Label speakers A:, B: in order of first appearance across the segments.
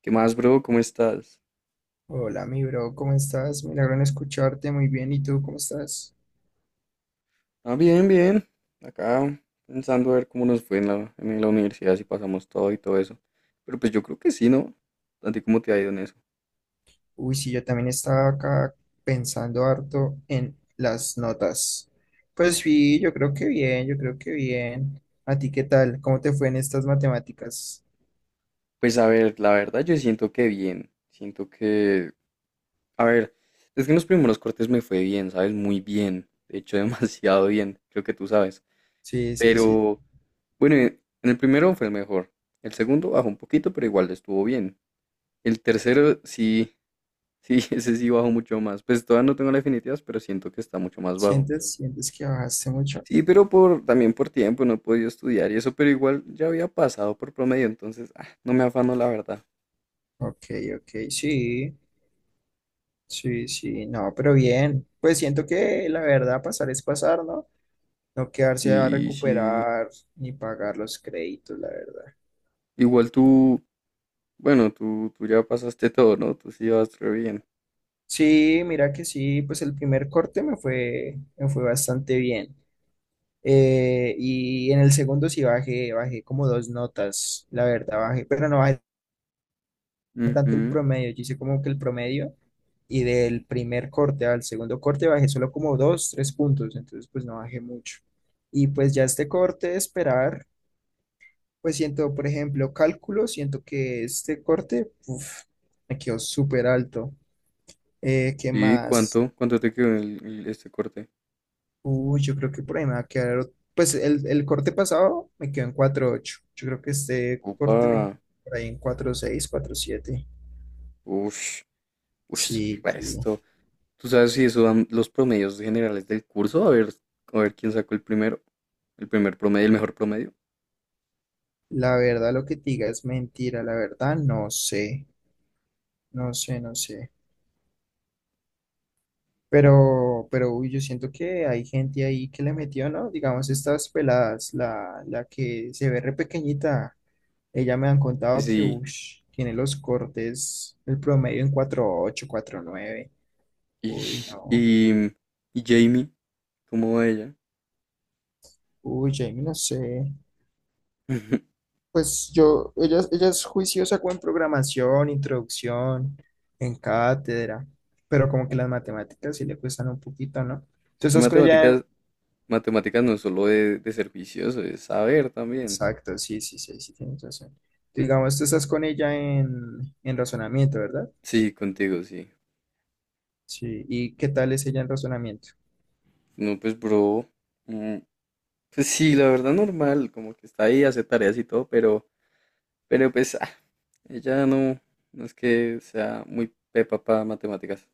A: ¿Qué más, bro? ¿Cómo estás?
B: Hola, mi bro, ¿cómo estás? Milagro en escucharte, muy bien. ¿Y tú cómo estás?
A: Ah, bien, bien. Acá pensando a ver cómo nos fue en la universidad, si pasamos todo y todo eso. Pero pues yo creo que sí, ¿no? ¿A ti cómo te ha ido en eso?
B: Uy, sí, yo también estaba acá pensando harto en las notas. Pues sí, yo creo que bien, yo creo que bien. ¿A ti qué tal? ¿Cómo te fue en estas matemáticas?
A: Pues a ver, la verdad yo siento que bien. Siento que... A ver, es que en los primeros cortes me fue bien, ¿sabes? Muy bien. De hecho, demasiado bien. Creo que tú sabes.
B: Sí, sí, sí.
A: Pero bueno, en el primero fue el mejor. El segundo bajó un poquito, pero igual estuvo bien. El tercero sí, Sí, ese sí bajo mucho más. Pues todavía no tengo la definitivas, pero siento que está mucho más bajo.
B: ¿Sientes que bajaste mucho?
A: Sí, pero también por tiempo no he podido estudiar y eso, pero igual ya había pasado por promedio, entonces no me afano la verdad.
B: Ok, ok, sí, sí, sí, no, pero bien. Pues siento que la verdad pasar es pasar, ¿no? No quedarse a
A: Y sí,
B: recuperar ni pagar los créditos, la verdad.
A: igual tú, bueno, tú ya pasaste todo, ¿no? Tú sí vas re bien.
B: Sí, mira que sí, pues el primer corte me fue bastante bien. Y en el segundo sí bajé como dos notas, la verdad, bajé, pero no bajé tanto el
A: Ujú.
B: promedio, yo hice como que el promedio y del primer corte al segundo corte bajé solo como dos, tres puntos, entonces pues no bajé mucho. Y pues ya este corte, esperar, pues siento, por ejemplo, cálculo, siento que este corte, uf, me quedó súper alto. ¿Qué
A: Sí,
B: más?
A: ¿cuánto? ¿Cuánto te quedó este corte?
B: Uy, yo creo que por ahí me va a quedar. Pues el corte pasado me quedó en 4.8. Yo creo que este
A: Opa,
B: corte me quedó por ahí en 4.6, 4.7.
A: uff, uff,
B: Sí, sí.
A: resto. ¿Tú sabes si eso dan los promedios generales del curso? A ver quién sacó el primer promedio, el mejor promedio.
B: La verdad, lo que te diga es mentira. La verdad, no sé. No sé, no sé. Pero, uy, yo siento que hay gente ahí que le metió, ¿no? Digamos, estas peladas, la que se ve re pequeñita. Ella me han contado que,
A: Sí.
B: uy, tiene los cortes, el promedio en 4.8, 4.9.
A: Y,
B: Uy, no.
A: y, y Jamie, ¿cómo va ella?
B: Uy, Jamie, no sé. Pues yo, ella es juiciosa con programación, introducción, en cátedra, pero como que las matemáticas sí le cuestan un poquito, ¿no?
A: Es
B: Tú
A: que
B: estás con ella. Claro. En.
A: matemáticas, matemáticas no es solo de ser vicioso, es saber también.
B: Exacto, sí, sí, sí, sí, tienes razón. Digamos, tú estás con ella en, razonamiento, ¿verdad?
A: Sí, contigo, sí.
B: Sí. ¿Y qué tal es ella en razonamiento?
A: No, pues, bro. mm, Pues sí, la verdad normal, como que está ahí, hace tareas y todo, pero pues, ella no, no es que sea muy pepa para matemáticas.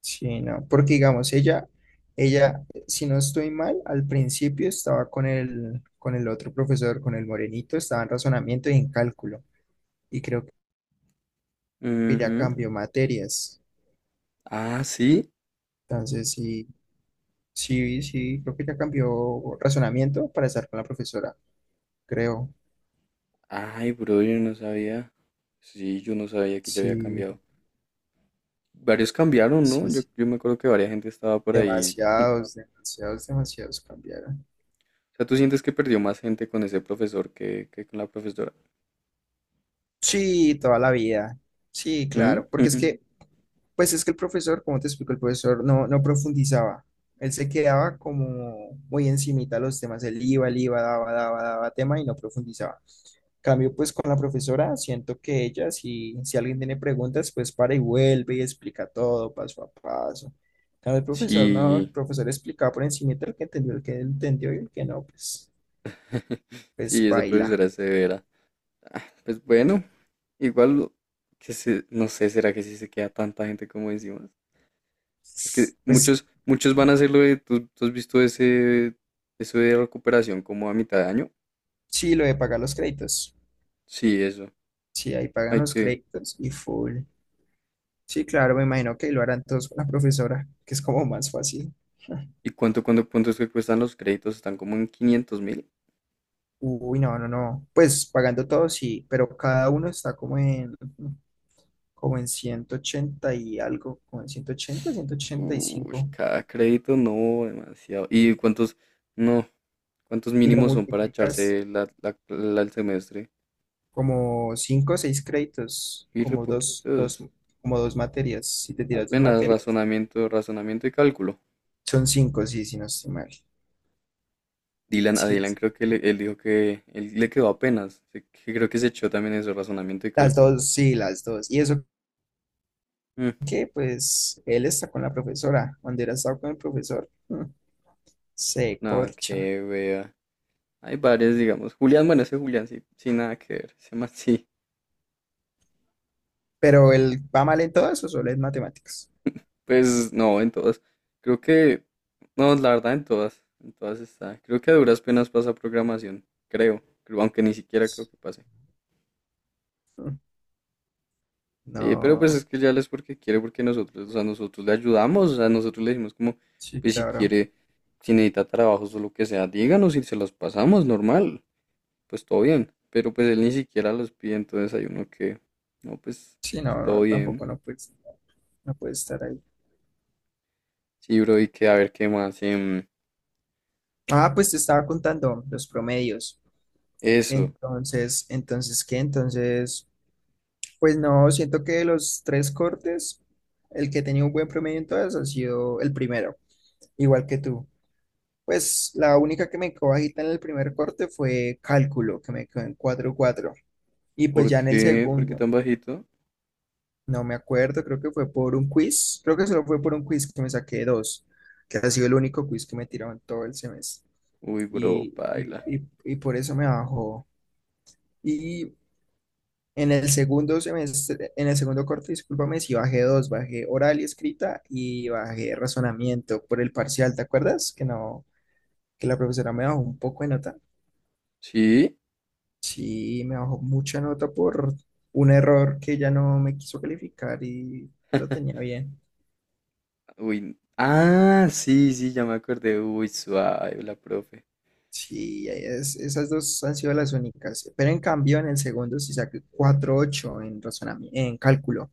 B: Sí, no, porque digamos, ella, si no estoy mal, al principio estaba con el otro profesor, con el morenito, estaba en razonamiento y en cálculo. Y creo que ya
A: Ujú.
B: cambió materias.
A: Ah, sí.
B: Entonces, sí, sí, sí, creo que ya cambió razonamiento para estar con la profesora, creo.
A: Ay, bro, yo no sabía. Sí, yo no sabía que ya había
B: Sí,
A: cambiado. Varios cambiaron, ¿no?
B: sí,
A: Yo,
B: sí.
A: yo me acuerdo que varias gente estaba por ahí.
B: Demasiados, demasiados, demasiados cambiaron.
A: O sea, ¿tú sientes que perdió más gente con ese profesor que con la profesora?
B: Sí, toda la vida. Sí,
A: ¿Mm?
B: claro, porque es que, pues es que el profesor, como te explico, el profesor no profundizaba. Él se quedaba como muy encimita a los temas. Él iba, daba, daba, daba tema y no profundizaba. Cambio, pues con la profesora, siento que ella, si alguien tiene preguntas, pues para y vuelve y explica todo paso a paso. Cambio, el profesor no, el
A: Sí,
B: profesor explicaba por encimita el que entendió y el que no, pues,
A: sí,
B: pues
A: esa
B: baila.
A: profesora es severa. Pues bueno, igual, no sé, ¿será que sí se queda tanta gente como encima? Es que
B: Pues
A: muchos, muchos van a hacerlo ¿tú has visto eso de recuperación como a mitad de año?
B: sí, lo de pagar los créditos.
A: Sí, eso.
B: Sí, ahí pagan
A: Hay
B: los
A: que...
B: créditos y full. Sí, claro, me imagino que lo harán todos con la profesora, que es como más fácil.
A: ¿Y cuánto es que cuestan los créditos? ¿Están como en 500.000?
B: Uy, no, no, no. Pues pagando todo sí, pero cada uno está como en 180 y algo, como en ciento ochenta ciento ochenta Y
A: Uy,
B: cinco
A: cada crédito no, demasiado. ¿Y no, cuántos
B: y lo
A: mínimos son para
B: multiplicas
A: echarse el semestre?
B: como 5 o 6 créditos,
A: Y re poquitos.
B: como dos materias. Si te tiras dos
A: Apenas
B: materias,
A: razonamiento y cálculo.
B: son 5 sí, si no estoy mal.
A: A
B: Sí,
A: Dylan creo que él dijo que él le quedó apenas. Que creo que se echó también eso, razonamiento y
B: las
A: cálculo.
B: dos, sí, las dos. Y eso
A: Mm,
B: que, pues, él está con la profesora. Cuando era estado con el profesor. Se
A: Nada
B: corcha.
A: que vea. Hay varios, digamos. Bueno, ese Julián sí, sin nada que ver. Ese man sí.
B: Pero él va mal en todo eso, solo es matemáticas.
A: Pues no, en todas. Creo que, no, la verdad, en todas. En todas está. Creo que a duras penas pasa programación. Creo, aunque ni siquiera creo que pase.
B: Mm,
A: Pero pues
B: no,
A: es que ya es porque quiere, porque nosotros, o sea, nosotros le ayudamos, o sea, nosotros le decimos como,
B: sí,
A: pues
B: claro.
A: si necesita trabajos o lo que sea, díganos y se los pasamos, normal, pues todo bien. Pero pues él ni siquiera los pide, entonces hay uno que, no, pues,
B: Sí, no,
A: pues todo
B: no,
A: bien.
B: tampoco no puede estar ahí.
A: Sí, bro, y que a ver qué más.
B: Ah, pues te estaba contando los promedios.
A: Eso.
B: Entonces, ¿qué? Entonces, pues no, siento que de los tres cortes, el que tenía un buen promedio en todas ha sido el primero, igual que tú. Pues la única que me quedó bajita en el primer corte fue cálculo, que me quedó en 4 cuatro, y pues
A: ¿Por
B: ya en el
A: qué? ¿Por qué
B: segundo,
A: tan bajito?
B: no me acuerdo, creo que fue por un quiz. Creo que solo fue por un quiz que me saqué dos, que ha sido el único quiz que me tiraron todo el semestre.
A: Uy, bro,
B: Y, y,
A: paila.
B: y por eso me bajó. Y en el segundo semestre, en el segundo corte, discúlpame, si bajé dos, bajé oral y escrita y bajé razonamiento por el parcial, ¿te acuerdas? Que no, que la profesora me bajó un poco de nota.
A: ¿Sí?
B: Sí, me bajó mucha nota por un error que ella no me quiso calificar y lo tenía bien.
A: Uy. Ah, sí, sí, ya me acordé. Uy, suave, la profe.
B: Sí, esas dos han sido las únicas. Pero en cambio, en el segundo sí saqué 4.8 en en cálculo.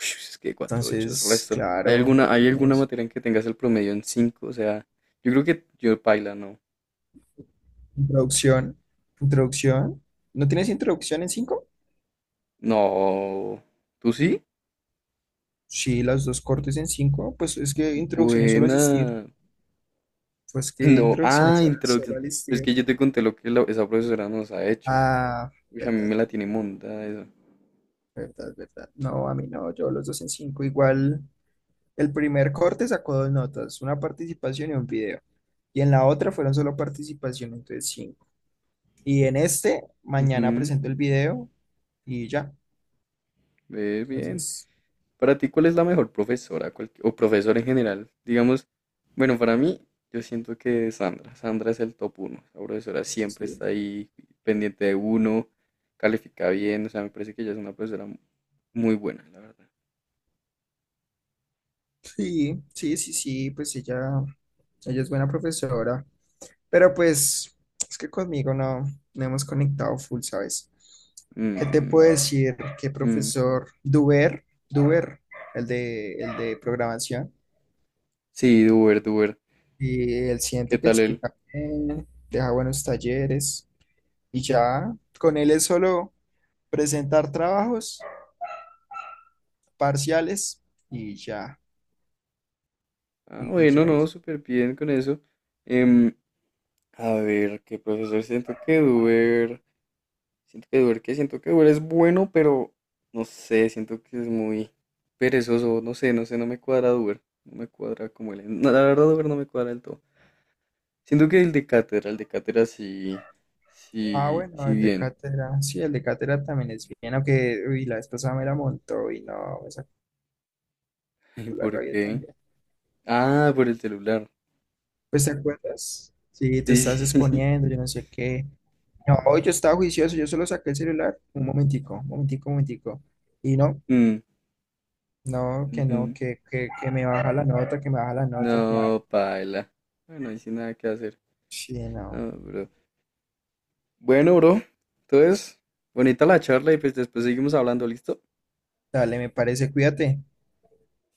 A: Uy, es que 4,8 es
B: Entonces,
A: resto. ¿Hay
B: claro,
A: alguna, hay alguna
B: pues,
A: materia en que tengas el promedio en 5? O sea, yo creo que yo paila, no.
B: introducción. Introducción. ¿No tienes introducción en 5?
A: No. ¿Tú sí?
B: Sí, las dos cortes en 5. Pues es que introducción es solo asistir.
A: Buena.
B: Pues que
A: No.
B: introducción es
A: Ah,
B: solo
A: introducción. Pero es
B: asistir.
A: que yo te conté lo que esa profesora nos ha hecho.
B: Ah,
A: Uy, a mí
B: verdad,
A: me la tiene montada eso.
B: verdad, verdad. No, a mí no, yo los dos en 5 igual. El primer corte sacó dos notas, una participación y un video. Y en la otra fueron solo participación, entonces cinco. Y en este, mañana
A: Ujú,
B: presento el video y ya.
A: ve bien.
B: Entonces,
A: Para ti, ¿cuál es la mejor profesora o profesora en general? Digamos, bueno, para mí, yo siento que Sandra. Sandra es el top uno. La profesora siempre
B: sí,
A: está ahí pendiente de uno, califica bien. O sea, me parece que ella es una profesora muy buena, la verdad.
B: sí, sí, sí, sí, pues ella es buena profesora. Pero pues, es que conmigo no, no hemos conectado full, ¿sabes? ¿Qué te puedo
A: Mm,
B: decir? Que
A: mm.
B: profesor Duber, el de programación.
A: Sí, Duber, Duber.
B: Y él
A: ¿Qué
B: siento que
A: tal él?
B: explica bien, deja buenos talleres y ya con él es solo presentar trabajos parciales y ya,
A: Ah,
B: y
A: bueno,
B: ya.
A: no,
B: y-
A: súper bien con eso. Em, a ver, ¿qué profesor siento que Duber? Siento que Uber, que siento que Uber es bueno, pero no sé, siento que es muy perezoso, no sé, no sé, no me cuadra Uber, no me cuadra como él. No, la verdad Uber no me cuadra del todo. Siento que el de Cátedra sí,
B: Ah,
A: sí,
B: bueno,
A: sí
B: el de
A: bien.
B: cátedra, sí, el de cátedra también es bien, aunque uy, la vez pasada me la montó y no, me sacó
A: ¿Y
B: la
A: por
B: rabia
A: qué?
B: también.
A: Ah, por el celular.
B: Pues, ¿te acuerdas? Sí, tú
A: Sí,
B: estás
A: sí, sí.
B: exponiendo, yo no sé qué. No, yo estaba juicioso, yo solo saqué el celular, un momentico, un momentico, un momentico. Y no,
A: Mm,
B: no, que no,
A: ujú.
B: que, que, que me baja la nota, que no.
A: No, paila. Bueno, ahí sin nada que hacer.
B: Sí, no.
A: No, bro. Bueno, bro. Entonces, bonita la charla y pues después seguimos hablando, ¿listo?
B: Dale, me parece, cuídate.